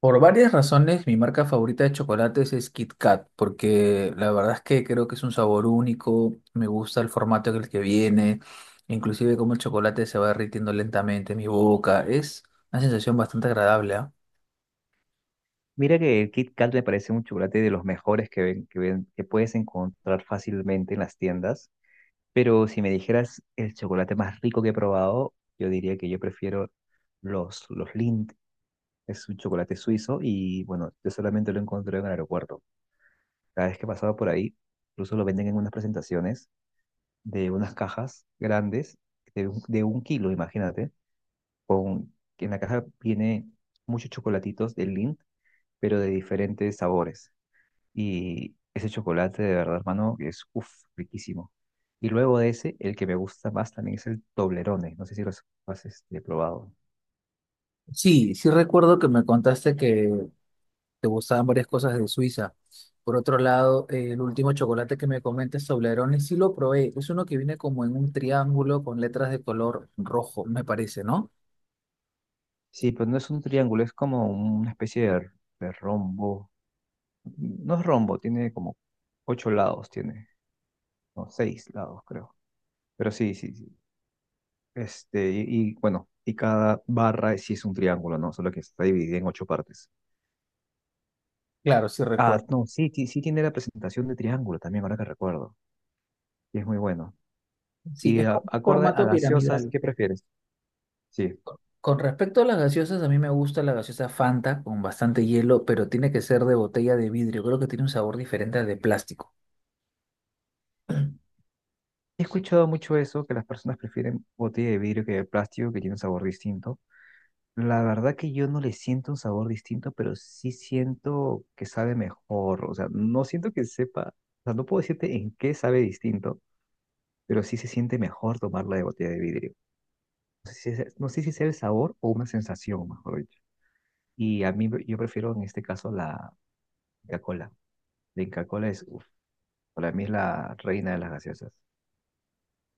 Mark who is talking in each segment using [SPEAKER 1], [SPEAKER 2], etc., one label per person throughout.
[SPEAKER 1] Por varias razones, mi marca favorita de chocolates es Kit Kat, porque la verdad es que creo que es un sabor único, me gusta el formato en el que viene, inclusive cómo el chocolate se va derritiendo lentamente en mi boca, es una sensación bastante agradable, ¿ah?
[SPEAKER 2] Mira que el Kit Kat me parece un chocolate de los mejores que puedes encontrar fácilmente en las tiendas, pero si me dijeras el chocolate más rico que he probado, yo diría que yo prefiero los Lindt, es un chocolate suizo y bueno, yo solamente lo encontré en el aeropuerto. Cada vez que pasaba por ahí, incluso lo venden en unas presentaciones de unas cajas grandes de un kilo, imagínate, que en la caja viene muchos chocolatitos de Lindt, pero de diferentes sabores. Y ese chocolate de verdad, hermano, que es uff, riquísimo. Y luego de ese, el que me gusta más también es el Toblerone. No sé si lo has probado.
[SPEAKER 1] Sí, sí recuerdo que me contaste que te gustaban varias cosas de Suiza. Por otro lado, el último chocolate que me comentas, Toblerone, sí lo probé, es uno que viene como en un triángulo con letras de color rojo, me parece, ¿no?
[SPEAKER 2] Sí, pero no es un triángulo, es como una especie de rombo. No es rombo, tiene como ocho lados, tiene, no, seis lados, creo. Pero sí, sí, sí. Este, y, bueno, y cada barra sí es un triángulo, ¿no? Solo que está dividida en ocho partes.
[SPEAKER 1] Claro, sí
[SPEAKER 2] Ah,
[SPEAKER 1] recuerdo.
[SPEAKER 2] no, sí, sí, sí tiene la presentación de triángulo también, ahora que recuerdo. Y es muy bueno.
[SPEAKER 1] Sí,
[SPEAKER 2] Y
[SPEAKER 1] es como un
[SPEAKER 2] acorde a
[SPEAKER 1] formato
[SPEAKER 2] gaseosas,
[SPEAKER 1] piramidal.
[SPEAKER 2] ¿qué prefieres? Sí, he
[SPEAKER 1] Con respecto a las gaseosas, a mí me gusta la gaseosa Fanta con bastante hielo, pero tiene que ser de botella de vidrio. Creo que tiene un sabor diferente al de plástico.
[SPEAKER 2] escuchado mucho eso, que las personas prefieren botella de vidrio que de plástico, que tiene un sabor distinto. La verdad que yo no le siento un sabor distinto, pero sí siento que sabe mejor. O sea, no siento que sepa, o sea, no puedo decirte en qué sabe distinto, pero sí se siente mejor tomarla de botella de vidrio. No sé si es, no sé si sea el sabor o una sensación, mejor dicho. Y a mí, yo prefiero en este caso la Coca-Cola. La Coca-Cola es, uf, para mí es la reina de las gaseosas.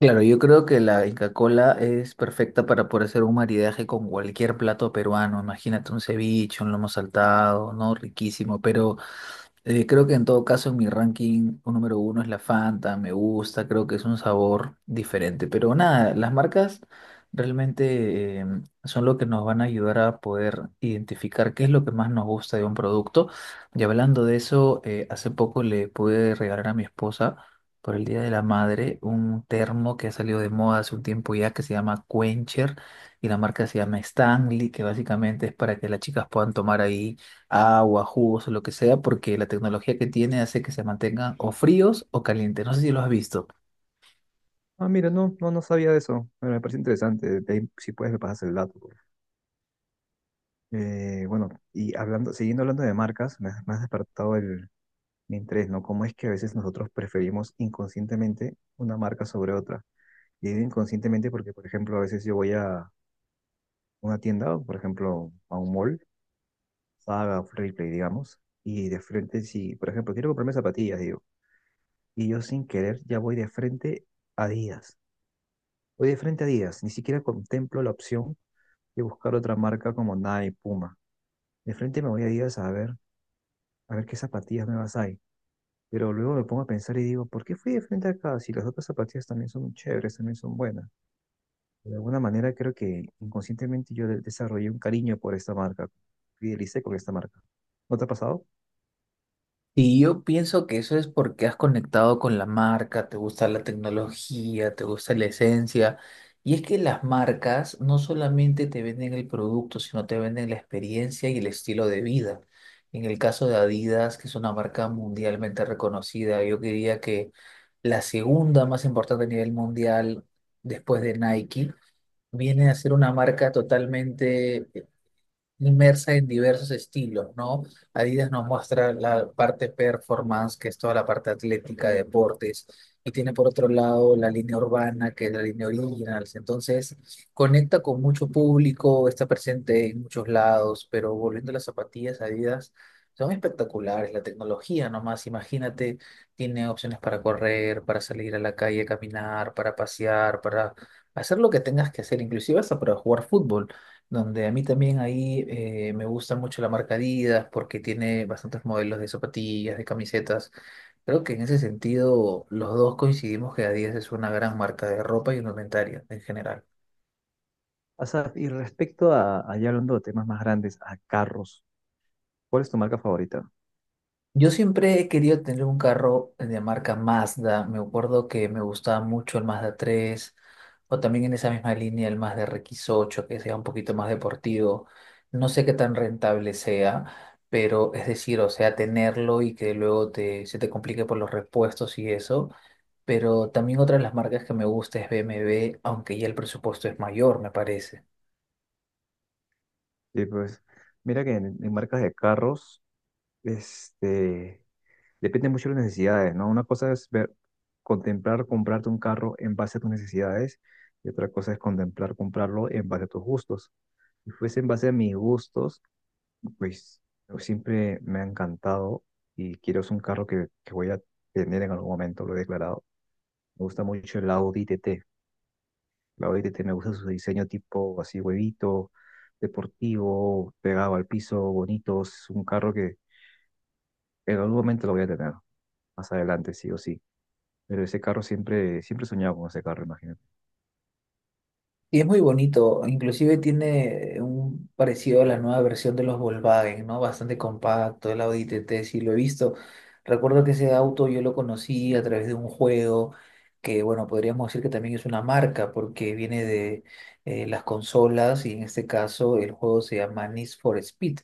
[SPEAKER 1] Claro, yo creo que la Inca-Cola es perfecta para poder hacer un maridaje con cualquier plato peruano. Imagínate un ceviche, un lomo saltado, ¿no? Riquísimo. Pero creo que en todo caso en mi ranking un número uno es la Fanta, me gusta, creo que es un sabor diferente. Pero nada, las marcas realmente son lo que nos van a ayudar a poder identificar qué es lo que más nos gusta de un producto. Y hablando de eso, hace poco le pude regalar a mi esposa por el Día de la Madre un termo que ha salido de moda hace un tiempo ya que se llama Quencher y la marca se llama Stanley, que básicamente es para que las chicas puedan tomar ahí agua, jugos o lo que sea, porque la tecnología que tiene hace que se mantengan o fríos o calientes. No sé si lo has visto.
[SPEAKER 2] Ah, mira, no, no, no sabía de eso. Bueno, me parece interesante. De ahí, si puedes, me pasas el dato, por favor. Bueno, y siguiendo hablando de marcas, me has despertado mi interés, ¿no? Cómo es que a veces nosotros preferimos inconscientemente una marca sobre otra. Y digo inconscientemente porque, por ejemplo, a veces yo voy a una tienda, o, por ejemplo, a un mall, Saga, Play, digamos, y de frente, si, por ejemplo, quiero comprarme zapatillas, digo, y yo sin querer ya voy de frente a Adidas. Voy de frente a Adidas, ni siquiera contemplo la opción y buscar otra marca como Nike, Puma. De frente me voy a Adidas a ver qué zapatillas nuevas hay. Pero luego me pongo a pensar y digo, ¿por qué fui de frente acá si las otras zapatillas también son chéveres, también son buenas? De alguna manera creo que inconscientemente yo desarrollé un cariño por esta marca, fidelicé con esta marca. ¿No te ha pasado?
[SPEAKER 1] Y yo pienso que eso es porque has conectado con la marca, te gusta la tecnología, te gusta la esencia. Y es que las marcas no solamente te venden el producto, sino te venden la experiencia y el estilo de vida. En el caso de Adidas, que es una marca mundialmente reconocida, yo diría que la segunda más importante a nivel mundial después de Nike viene a ser una marca totalmente inmersa en diversos estilos, ¿no? Adidas nos muestra la parte performance, que es toda la parte atlética, deportes, y tiene por otro lado la línea urbana, que es la línea originals. Entonces, conecta con mucho público, está presente en muchos lados, pero volviendo a las zapatillas, Adidas. Son espectaculares, la tecnología nomás, imagínate, tiene opciones para correr, para salir a la calle, caminar, para pasear, para hacer lo que tengas que hacer, inclusive hasta para jugar fútbol donde a mí también ahí me gusta mucho la marca Adidas porque tiene bastantes modelos de zapatillas, de camisetas. Creo que en ese sentido los dos coincidimos que Adidas es una gran marca de ropa y indumentaria en general.
[SPEAKER 2] Asaf, y respecto a, allá hablando de temas más grandes, a carros, ¿cuál es tu marca favorita?
[SPEAKER 1] Yo siempre he querido tener un carro de marca Mazda. Me acuerdo que me gustaba mucho el Mazda 3, o también en esa misma línea el Mazda rx ocho, que sea un poquito más deportivo. No sé qué tan rentable sea, pero es decir, o sea, tenerlo y que luego se te complique por los repuestos y eso. Pero también otra de las marcas que me gusta es BMW, aunque ya el presupuesto es mayor, me parece.
[SPEAKER 2] Y pues, mira que en marcas de carros, este, depende mucho de las necesidades, ¿no? Una cosa es ver, contemplar comprarte un carro en base a tus necesidades y otra cosa es contemplar comprarlo en base a tus gustos. Si fuese en base a mis gustos, pues yo siempre me ha encantado y quiero es un carro que voy a tener en algún momento, lo he declarado. Me gusta mucho el Audi TT. El Audi TT me gusta su diseño tipo así huevito, deportivo, pegado al piso, bonito. Es un carro que en algún momento lo voy a tener, más adelante, sí o sí. Pero ese carro siempre, siempre soñaba con ese carro, imagínate.
[SPEAKER 1] Y es muy bonito, inclusive tiene un parecido a la nueva versión de los Volkswagen, ¿no? Bastante compacto, el Audi TT, sí lo he visto. Recuerdo que ese auto yo lo conocí a través de un juego que, bueno, podríamos decir que también es una marca porque viene de las consolas y en este caso el juego se llama Need for Speed,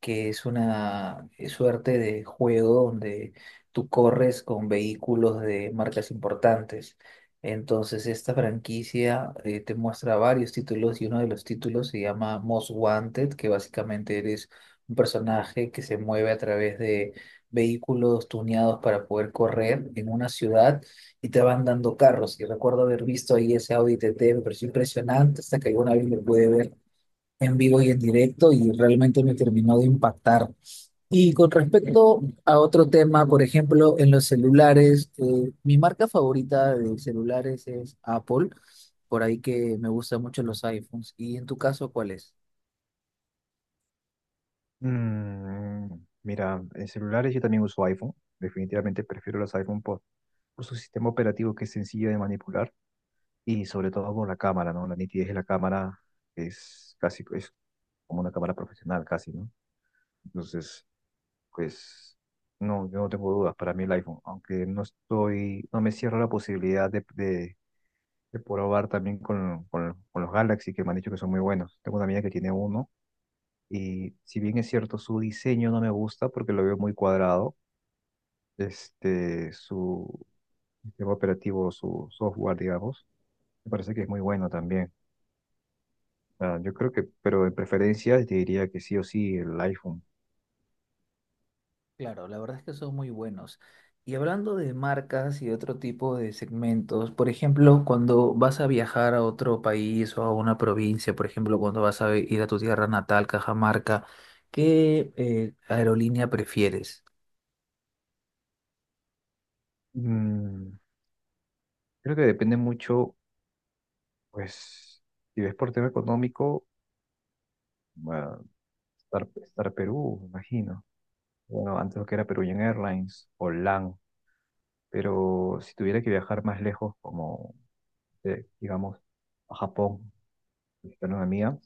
[SPEAKER 1] que es una suerte de juego donde tú corres con vehículos de marcas importantes. Entonces, esta franquicia te muestra varios títulos y uno de los títulos se llama Most Wanted, que básicamente eres un personaje que se mueve a través de vehículos tuneados para poder correr en una ciudad y te van dando carros. Y recuerdo haber visto ahí ese Audi TT, me pareció impresionante hasta que alguna vez me pude ver en vivo y en directo y realmente me terminó de impactar. Y con respecto a otro tema, por ejemplo, en los celulares, mi marca favorita de celulares es Apple, por ahí que me gustan mucho los iPhones. ¿Y en tu caso, cuál es?
[SPEAKER 2] Mm, Mira, en celulares yo también uso iPhone. Definitivamente prefiero los iPhone por su sistema operativo que es sencillo de manipular y sobre todo por la cámara, ¿no? La nitidez de la cámara es casi es como una cámara profesional, casi, ¿no? Entonces, pues, no, yo no tengo dudas. Para mí el iPhone, aunque no estoy, no me cierro la posibilidad de probar también con los Galaxy que me han dicho que son muy buenos. Tengo una amiga que tiene uno. Y si bien es cierto, su diseño no me gusta porque lo veo muy cuadrado, su sistema operativo, su software, digamos, me parece que es muy bueno también. Ah, yo creo que, pero en preferencias te diría que sí o sí el iPhone.
[SPEAKER 1] Claro, la verdad es que son muy buenos. Y hablando de marcas y otro tipo de segmentos, por ejemplo, cuando vas a viajar a otro país o a una provincia, por ejemplo, cuando vas a ir a tu tierra natal, Cajamarca, ¿qué aerolínea prefieres?
[SPEAKER 2] Mm, Creo que depende mucho, pues, si ves por tema económico, bueno, Star Perú, me imagino. Bueno, antes lo que era Peruvian Airlines o LAN, pero si tuviera que viajar más lejos, como, digamos, a Japón con una amiga,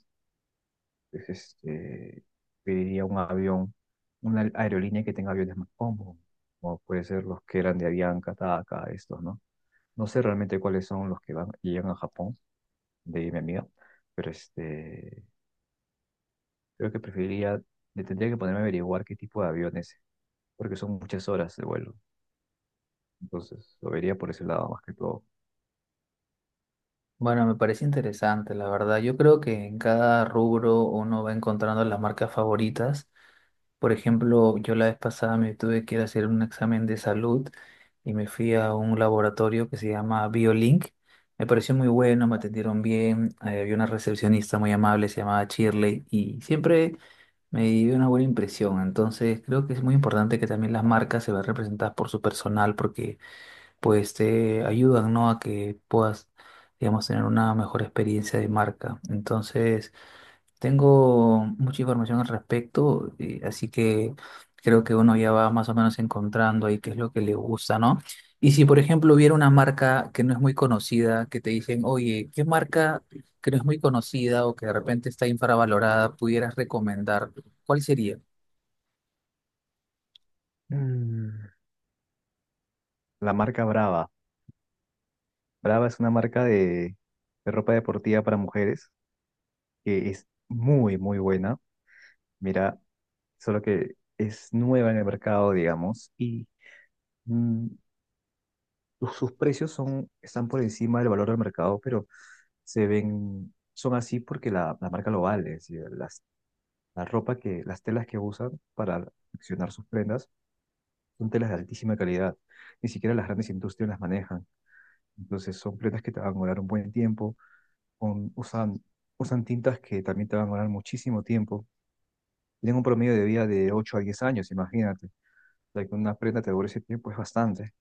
[SPEAKER 2] pues pediría un avión, una aerolínea que tenga aviones más cómodos, como puede ser los que eran de Avianca, TACA, estos, ¿no? No sé realmente cuáles son los que van y llegan a Japón, de mi amiga, pero este, creo que preferiría, le tendría que ponerme a averiguar qué tipo de aviones, porque son muchas horas de vuelo, entonces lo vería por ese lado más que todo.
[SPEAKER 1] Bueno, me parece interesante, la verdad. Yo creo que en cada rubro uno va encontrando las marcas favoritas. Por ejemplo, yo la vez pasada me tuve que ir a hacer un examen de salud y me fui a un laboratorio que se llama BioLink. Me pareció muy bueno, me atendieron bien, había una recepcionista muy amable, se llamaba Shirley, y siempre me dio una buena impresión. Entonces, creo que es muy importante que también las marcas se vean representadas por su personal porque pues te ayudan, ¿no?, a que puedas, digamos, tener una mejor experiencia de marca. Entonces, tengo mucha información al respecto, así que creo que uno ya va más o menos encontrando ahí qué es lo que le gusta, ¿no? Y si, por ejemplo, hubiera una marca que no es muy conocida, que te dicen, oye, ¿qué marca que no es muy conocida o que de repente está infravalorada pudieras recomendar? ¿Cuál sería?
[SPEAKER 2] Mm, La marca Brava. Brava es una marca de ropa deportiva para mujeres que es muy, muy buena. Mira, solo que es nueva en el mercado, digamos, y mm, sus precios son, están por encima del valor del mercado, pero se ven, son así porque la marca lo vale. Es decir, las telas que usan para confeccionar sus prendas son telas de altísima calidad. Ni siquiera las grandes industrias las manejan. Entonces son prendas que te van a durar un buen tiempo, usan, usan tintas que también te van a durar muchísimo tiempo. Tienen un promedio de vida de 8 a 10 años, imagínate. De que una prenda te dure ese tiempo es bastante,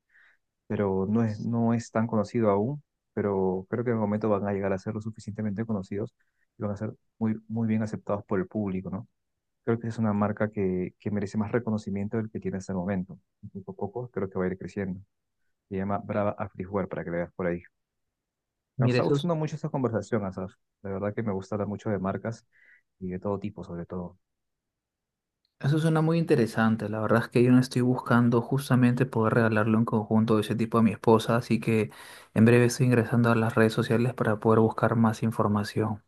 [SPEAKER 2] pero no es tan conocido aún, pero creo que en el momento van a llegar a ser lo suficientemente conocidos y van a ser muy, muy bien aceptados por el público, ¿no? Creo que es una marca que merece más reconocimiento del que tiene hasta el momento. Y poco a poco creo que va a ir creciendo. Se llama Brava Activewear para que le veas por ahí. Me
[SPEAKER 1] Mira,
[SPEAKER 2] está
[SPEAKER 1] eso,
[SPEAKER 2] gustando mucho esta conversación, Asaf. La verdad que me gusta hablar mucho de marcas y de todo tipo, sobre todo.
[SPEAKER 1] eso suena muy interesante. La verdad es que yo no estoy buscando justamente poder regalarle un conjunto de ese tipo a mi esposa, así que en breve estoy ingresando a las redes sociales para poder buscar más información.